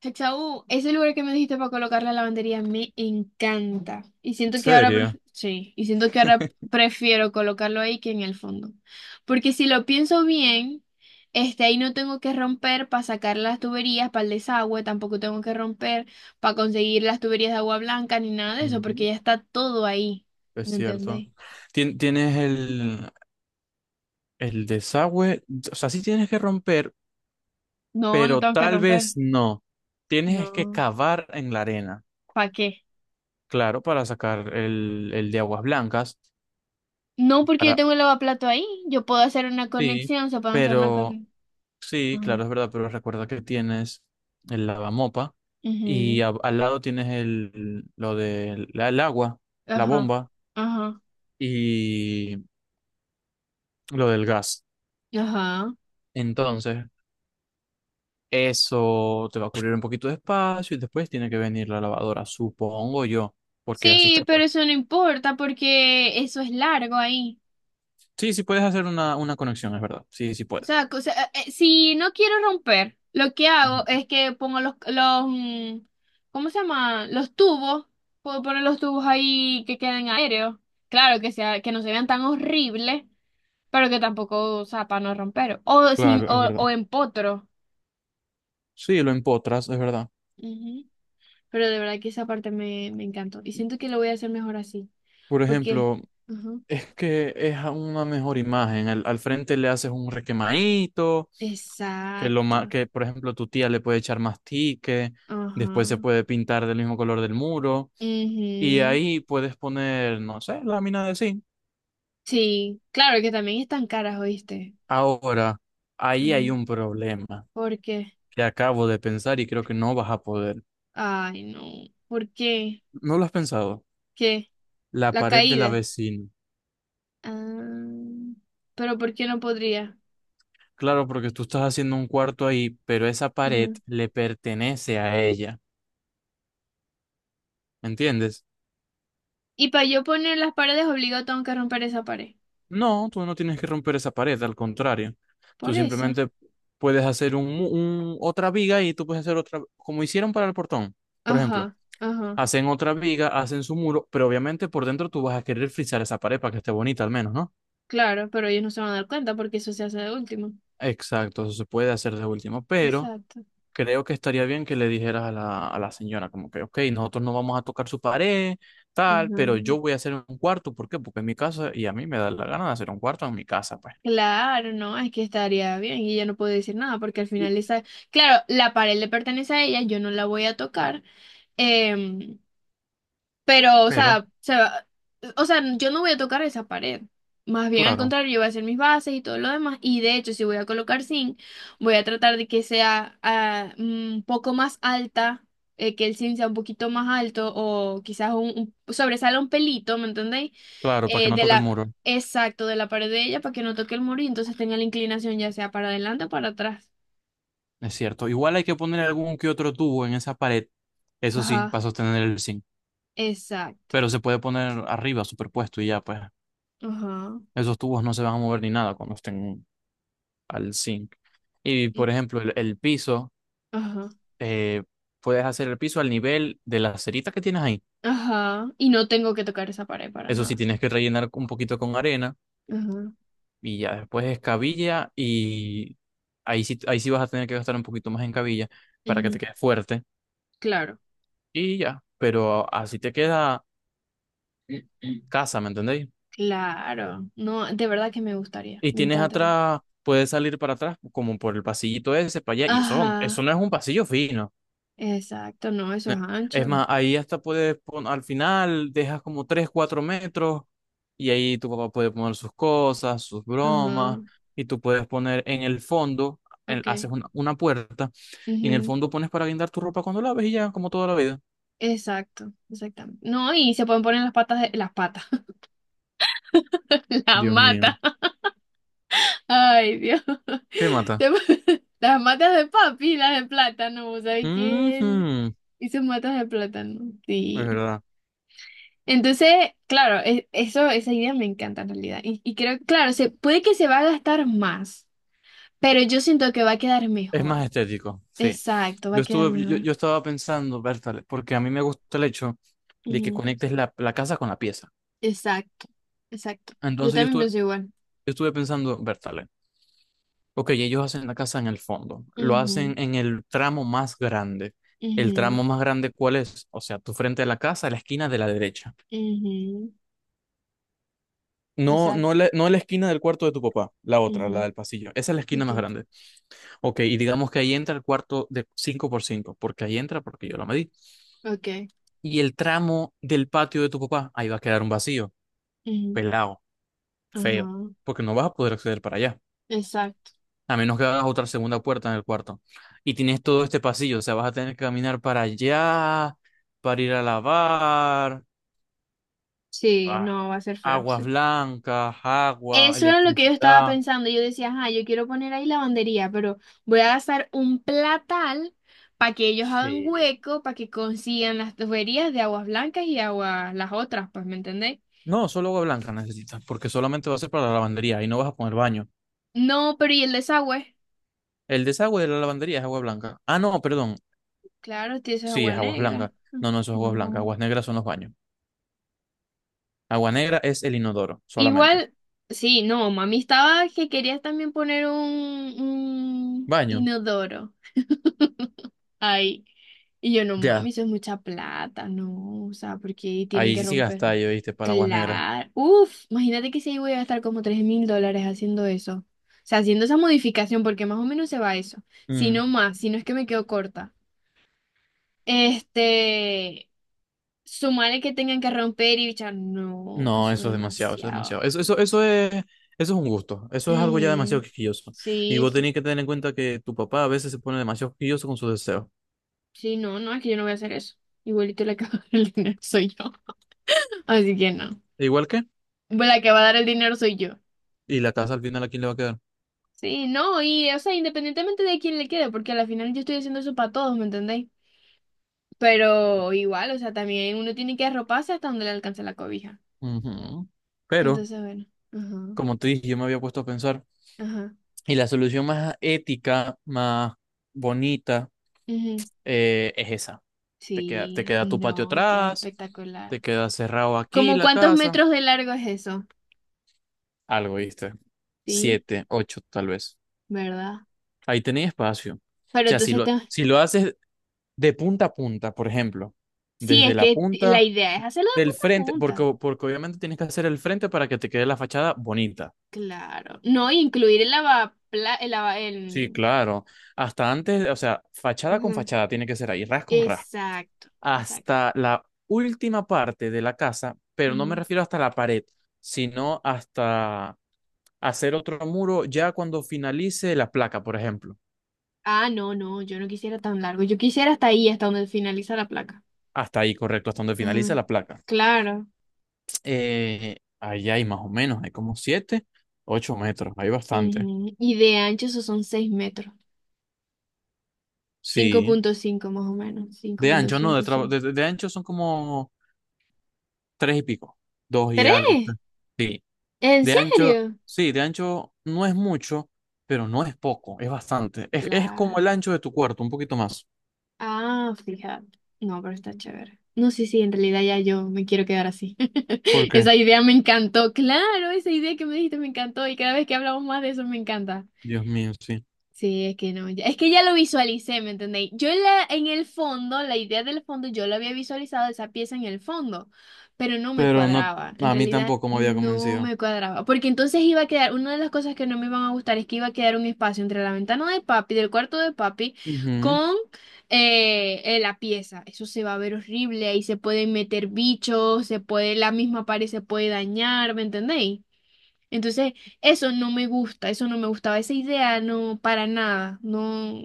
Hexaú, ese lugar que me dijiste para colocar la lavandería me encanta. Y siento que ahora, ¿Serio? Sí, y siento que ahora prefiero colocarlo ahí que en el fondo. Porque si lo pienso bien, ahí no tengo que romper para sacar las tuberías para el desagüe, tampoco tengo que romper para conseguir las tuberías de agua blanca ni nada de eso, porque Ujú. ya está todo ahí. Es ¿Me cierto. entendéis? Tienes el desagüe, o sea, sí tienes que romper, No, no pero tengo que tal vez romper. no. Tienes que No. cavar en la arena, ¿Para qué? claro, para sacar el de aguas blancas. No, porque yo Para... tengo el lavaplato ahí. Yo puedo hacer una Sí, conexión, se pueden hacer una pero conexión. sí, claro, es verdad, pero recuerda que tienes el lavamopa y Ujú, al lado tienes el, lo del el agua, la ajá, bomba ajá, y lo del gas. ajá. Entonces, eso te va a cubrir un poquito de espacio y después tiene que venir la lavadora, supongo yo, porque así Sí, está pues. pero eso no importa porque eso es largo ahí. Sí, sí puedes hacer una conexión, es verdad. Sí, sí O puedes. sea, o sea, si no quiero romper, lo que Ujú. hago es que pongo los, ¿cómo se llama? Los tubos. Puedo poner los tubos ahí que queden aéreos. Claro, que sea, que no se vean tan horribles, pero que tampoco, o sea, para no romper. O sin, Claro, es verdad. o en potro. Sí, lo empotras, es verdad. Ujú. Pero de verdad que esa parte me, me encantó. Y siento que lo voy a hacer mejor así. Por Porque. ejemplo, Ajá. es que es a una mejor imagen. Al, al frente le haces un requemadito, que lo ma- Exacto. que por ejemplo tu tía le puede echar más tique, Ajá. después se puede pintar del mismo color del muro y Ujú. ahí puedes poner, no sé, lámina de zinc. Sí, claro que también están caras, ¿oíste? Ahora, ahí hay Ujú. un problema ¿Por qué? que acabo de pensar y creo que no vas a poder. Ay, no. ¿Por qué? ¿No lo has pensado? ¿Qué? La La pared de la caída. vecina. Ah, pero ¿por qué no podría? Claro, porque tú estás haciendo un cuarto ahí, pero esa pared Ujú. le pertenece a ella. ¿Me entiendes? Y para yo poner las paredes obligado tengo que romper esa pared. No, tú no tienes que romper esa pared, al contrario. Tú Por eso. simplemente puedes hacer otra viga y tú puedes hacer otra, como hicieron para el portón. Por ejemplo, Ajá, ajá. hacen otra viga, hacen su muro, pero obviamente por dentro tú vas a querer frisar esa pared para que esté bonita al menos, ¿no? Claro, pero ellos no se van a dar cuenta porque eso se hace de último. Exacto, eso se puede hacer de último, pero Exacto. creo que estaría bien que le dijeras a la señora, como que, ok, nosotros no vamos a tocar su pared, tal, Ujú. pero yo voy a hacer un cuarto, ¿por qué? Porque es mi casa y a mí me da la gana de hacer un cuarto en mi casa, pues. Claro, no, es que estaría bien y ella no puede decir nada porque al Y, final esa, claro, la pared le pertenece a ella, yo no la voy a tocar, em, pero, o pero, sea, o sea, yo no voy a tocar esa pared. Más bien al claro, contrario, yo voy a hacer mis bases y todo lo demás. Y de hecho, si voy a colocar zinc, voy a tratar de que sea un poco más alta, que el zinc sea un poquito más alto o quizás sobresala un pelito, ¿me entendéis? claro, para que Eh, no de toque el la, muro, exacto, de la pared de ella para que no toque el muro y entonces tenga la inclinación ya sea para adelante o para atrás. es cierto. Igual hay que poner algún que otro tubo en esa pared, eso sí, Ajá, para sostener el zinc, exacto. pero se puede poner arriba, superpuesto y ya, pues, Ajá, esos tubos no se van a mover ni nada cuando estén al zinc. Y, por ejemplo, el piso. ajá. eh, Puedes hacer el piso al nivel de las ceritas que tienes ahí. Ajá. Y no tengo que tocar esa pared para Eso sí, nada. tienes que rellenar un poquito con arena Ajá. y ya después escabilla y ahí sí vas a tener que gastar un poquito más en cabilla para que te Ujú, quede fuerte claro, y ya, pero así te queda casa, ¿me entendéis? claro. No, de verdad que me gustaría, Y me tienes encantaría. atrás, puedes salir para atrás como por el pasillito ese, para allá y eso Ajá, no es un pasillo fino. exacto, no, eso Ne- es Es ancho. más, ahí hasta puedes poner, al final dejas como 3 4 metros y ahí tu papá puede poner sus cosas, sus bromas Ajá, y tú puedes poner en el fondo, ok. haces una puerta y en el Ujú, fondo pones para guindar tu ropa cuando laves y ya, como toda la vida. exacto, exactamente. No, y se pueden poner las patas de las patas, las Dios mío. matas. Ay, Dios. ¿Qué mata? Las matas de papi, las de plátano, ¿sabes qué? Él Ujú, hizo matas de plátano. es Sí. verdad. Entonces, claro, eso, esa idea me encanta en realidad. Y creo, claro, se, puede que se va a gastar más, pero yo siento que va a quedar Es más mejor. estético, sí. Exacto, va Yo a quedar estuve, yo, mejor. yo estaba pensando, Bertale, porque a mí me gusta el hecho de que Ujú, conectes la, la casa con la pieza. exacto, exacto. Yo Entonces también pienso igual. yo estuve pensando, Bertale. Ok, ellos hacen la casa en el fondo, lo Ujú, hacen en el tramo más grande. ¿El ujú, tramo más grande cuál es? O sea, tu frente a la casa, la esquina de la derecha. ujú, No, no exacto. la, no la esquina del cuarto de tu papá, la otra, la Ujú, del pasillo. Esa es la esquina ok, más grande. Ok, y digamos que ahí entra el cuarto de 5 por 5, porque ahí entra, porque yo lo medí. ok. Y el tramo del patio de tu papá, ahí va a quedar un vacío, Ujú, pelado, feo, ajá. porque no vas a poder acceder para allá. Exacto. A menos que hagas otra segunda puerta en el cuarto. Y tienes todo este pasillo, o sea, vas a tener que caminar para allá, para ir a lavar, Sí, ah, no, va a ser feo. aguas blancas, agua, Eso era lo que yo estaba electricidad. pensando. Yo decía, ajá, yo quiero poner ahí lavandería, pero voy a gastar un platal para que ellos hagan Sí. hueco, para que consigan las tuberías de aguas blancas y aguas, las otras, pues, ¿me entendéis? No, solo agua blanca necesitas, porque solamente va a ser para la lavandería y no vas a poner baño. No, pero ¿y el desagüe? El desagüe de la lavandería es agua blanca. Ah, no, perdón. Claro, tío, eso es Sí, agua es agua blanca. negra. Mm, No, no, eso es agua blanca. no. Aguas negras son los baños. Agua negra es el inodoro, solamente. Igual, sí, no, mami estaba que querías también poner un Baño, inodoro ahí. Y yo, no mami, ya. eso es mucha plata, no, o sea, porque tienen Ahí que sí romper. gastáis, ¿viste? Para aguas negras. Claro, uff, imagínate que si ahí voy a gastar como $3.000 haciendo eso. O sea, haciendo esa modificación, porque más o menos se va eso. Si no Mm. más, si no es que me quedo corta. Este, sumarle que tengan que romper y bichar, no, No, eso es eso es demasiado, eso es demasiado. demasiado, Eso, demasiado. Eso es un gusto. Eso es algo ya demasiado Ujú. quisquilloso. Y Sí, vos sí, tenés que tener en cuenta que tu papá a veces se pone demasiado quisquilloso con sus deseos. sí, no, no, es que yo no voy a hacer eso. Igualito la que va a dar el dinero soy yo. Así que no. Igual que, Bueno, la que va a dar el dinero soy yo. y la casa al final a quién le va a quedar. Sí, no, y o sea, independientemente de quién le quede, porque al final yo estoy haciendo eso para todos, ¿me entendéis? Pero igual, o sea, también uno tiene que arroparse hasta donde le alcance la cobija. Ujú. Pero, Entonces, bueno, ajá, como te dije, yo me había puesto a pensar, ajá, y la solución más ética, más bonita, ujú. Es esa. Te Sí, queda tu patio no, y queda atrás, espectacular. te queda cerrado aquí ¿Como la cuántos casa. metros de largo es eso? Algo, ¿viste? Sí, Siete, ocho, tal vez. ¿verdad? Ahí tenéis espacio. O Pero sea, si entonces, lo, si lo haces de punta a punta, por ejemplo, sí, desde es la que la punta idea es hacerlo de del punta a frente, punta. porque, porque obviamente tienes que hacer el frente para que te quede la fachada bonita. Claro. No, y incluir el lavapla, el lava, Sí, el... claro. Hasta antes, o sea, fachada con Ujú. fachada tiene que ser ahí, ras con ras. Exacto, exacto. Hasta la última parte de la casa, pero no me refiero hasta la pared, sino hasta hacer otro muro ya cuando finalice la placa, por ejemplo. Ah, no, no, yo no quisiera tan largo. Yo quisiera hasta ahí, hasta donde finaliza la placa. Hasta ahí, correcto, hasta donde finalice Ujú, la placa. claro. Ahí hay más o menos, hay como 7 8 metros, hay bastante. Ujú, y de ancho eso son 6 metros. cinco Sí, punto cinco más o menos. cinco de punto ancho, no, de, cinco tra- seis. De ancho son como 3 y pico, 2 y algo. ¿Tres? Tres. Sí, ¿En de ancho, serio? sí, de ancho no es mucho, pero no es poco, es bastante. Es como Claro. el ancho de tu cuarto, un poquito más. Ah, fíjate. No, pero está chévere. No, sí, sí, en realidad ya yo me quiero quedar así. ¿Por qué? Esa idea me encantó. Claro, esa idea que me dijiste me encantó y cada vez que hablamos más de eso me encanta. Dios mío, sí. Sí, es que no, es que ya lo visualicé, ¿me entendéis? Yo en la, en el fondo, la idea del fondo, yo lo había visualizado esa pieza en el fondo, pero no me Pero no, cuadraba, en a mí realidad tampoco me había no convencido. me cuadraba, porque entonces iba a quedar, una de las cosas que no me iban a gustar es que iba a quedar un espacio entre la ventana de papi, del cuarto de papi, Ujú, con la pieza. Eso se va a ver horrible, ahí se pueden meter bichos, se puede, la misma pared se puede dañar, ¿me entendéis? Entonces, eso no me gusta, eso no me gustaba, esa idea no, para nada, no,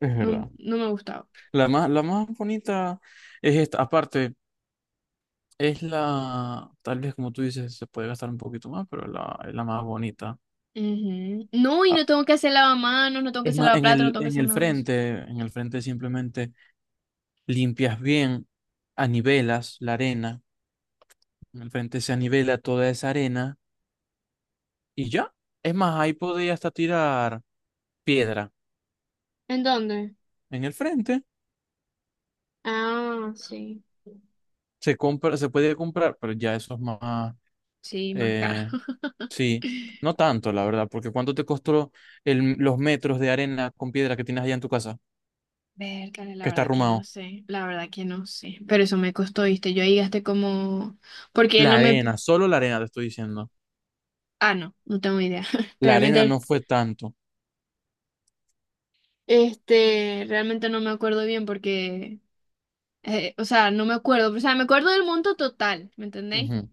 es no, verdad. no me gustaba. La más bonita es esta. Aparte, es la, tal vez como tú dices, se puede gastar un poquito más, pero la, es la más bonita. Ujú. No, y Ah, no tengo que hacer lavamanos, no tengo que es hacer más, lavaplatos, no tengo que hacer nada de eso. En el frente simplemente limpias bien, anivelas la arena, en el frente se anivela toda esa arena y ya. Es más, ahí podía hasta tirar piedra. ¿En dónde? En el frente Ah, sí. se compra, se puede comprar, pero ya eso es más, Sí, más caro. eh, sí, no tanto, la verdad, porque ¿cuánto te costó el, los metros de arena con piedra que tienes allá en tu casa, Vértale, la que está verdad que no arrumado? sé, la verdad que no sé. Pero eso me costó, ¿viste? Yo ahí gasté como... Porque él La no me... arena, solo la arena te estoy diciendo. Ah, no, no tengo idea. La arena no Realmente, fue tanto. Realmente no me acuerdo bien porque o sea, no me acuerdo, o sea, me acuerdo del monto total, ¿me entendéis? Ujú,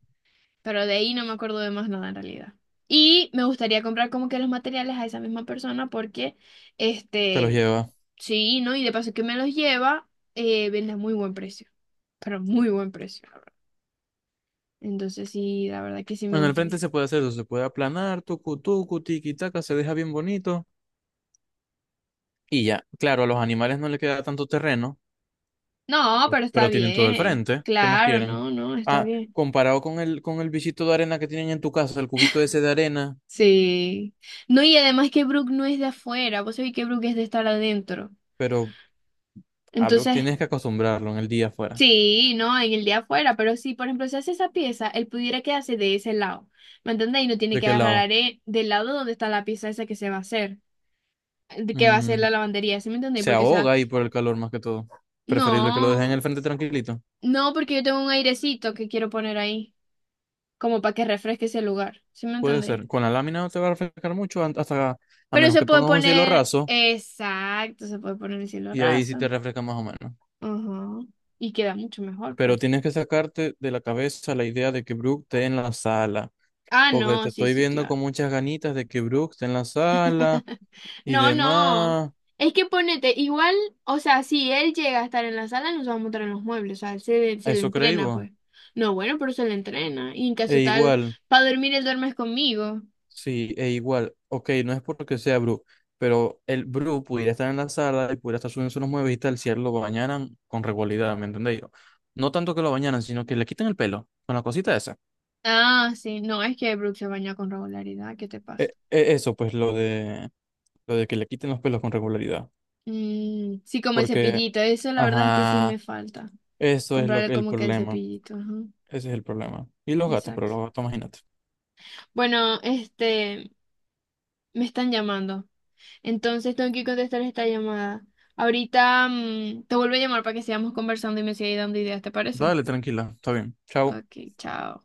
Pero de ahí no me acuerdo de más nada en realidad. Y me gustaría comprar como que los materiales a esa misma persona porque, te los este, lleva. sí, ¿no? Y de paso que me los lleva, vende a muy buen precio, pero muy buen precio, la verdad. Entonces sí, la verdad que sí me En el frente gustaría. se puede hacer eso, se puede aplanar, tucu, tucu, tiqui, taca, se deja bien bonito. Y ya, claro, a los animales no les queda tanto terreno, No, pero está pero tienen todo el bien, frente. ¿Qué más claro, quieren? no, no, está Ah, bien. comparado con el bichito de arena que tienen en tu casa, el cubito ese de arena, Sí. No, y además que Brooke no es de afuera, vos sabés que Brooke es de estar adentro. pero, abro, Entonces, tienes que acostumbrarlo en el día afuera. sí, no, en el día afuera, pero si, por ejemplo, se hace esa pieza, él pudiera quedarse de ese lado, ¿me entiendes? Y no tiene ¿De que qué agarrar lado? Del lado donde está la pieza esa que se va a hacer, de que va a hacer Mm, la lavandería, ¿sí me entendéis? se Porque se va... ahoga ahí por el calor más que todo. Preferible que lo dejen en No, el frente tranquilito. no, porque yo tengo un airecito que quiero poner ahí, como para que refresque ese lugar, ¿sí me Puede entendéis? ser. Con la lámina no te va a refrescar mucho hasta a Pero menos se que puede pongas un cielo poner, raso exacto, se puede poner el cielo y ahí sí raso, te refresca más o menos. ajá, y queda mucho mejor, Pero pues. tienes que sacarte de la cabeza la idea de que Brook esté en la sala, Ah, porque te no, sí, estoy sí, viendo claro. con muchas ganitas de que Brook esté en la sala y No, no. demás. Es que ponete, igual, o sea, si él llega a estar en la sala, nos vamos a montar en los muebles, o sea, se le Eso creí entrena, vos. pues. No, bueno, pero se le entrena. Y en E caso tal, igual, para dormir, él duermes conmigo. sí, e igual. Ok, no es porque sea Brook, pero el Brook pudiera estar en la sala y pudiera estar subiendo unos muebles y tal si a él lo bañaran con regularidad, ¿me entendéis? No tanto que lo bañaran, sino que le quiten el pelo con la cosita esa. Ah, sí, no, es que Brooke se baña con regularidad, ¿qué te pasa? Eso, pues lo de que le quiten los pelos con regularidad. Mm, sí, como el Porque, cepillito, eso la verdad es que sí ajá, me falta. eso es lo Comprarle que el como que el problema. cepillito, ajá, Ese es el problema. Y los gatos, pero exacto. los gatos, imagínate. Bueno, me están llamando. Entonces tengo que contestar esta llamada. Ahorita te vuelvo a llamar para que sigamos conversando y me sigas dando ideas, ¿te parece? Dale, tranquila, está bien. Chao. Ok, chao.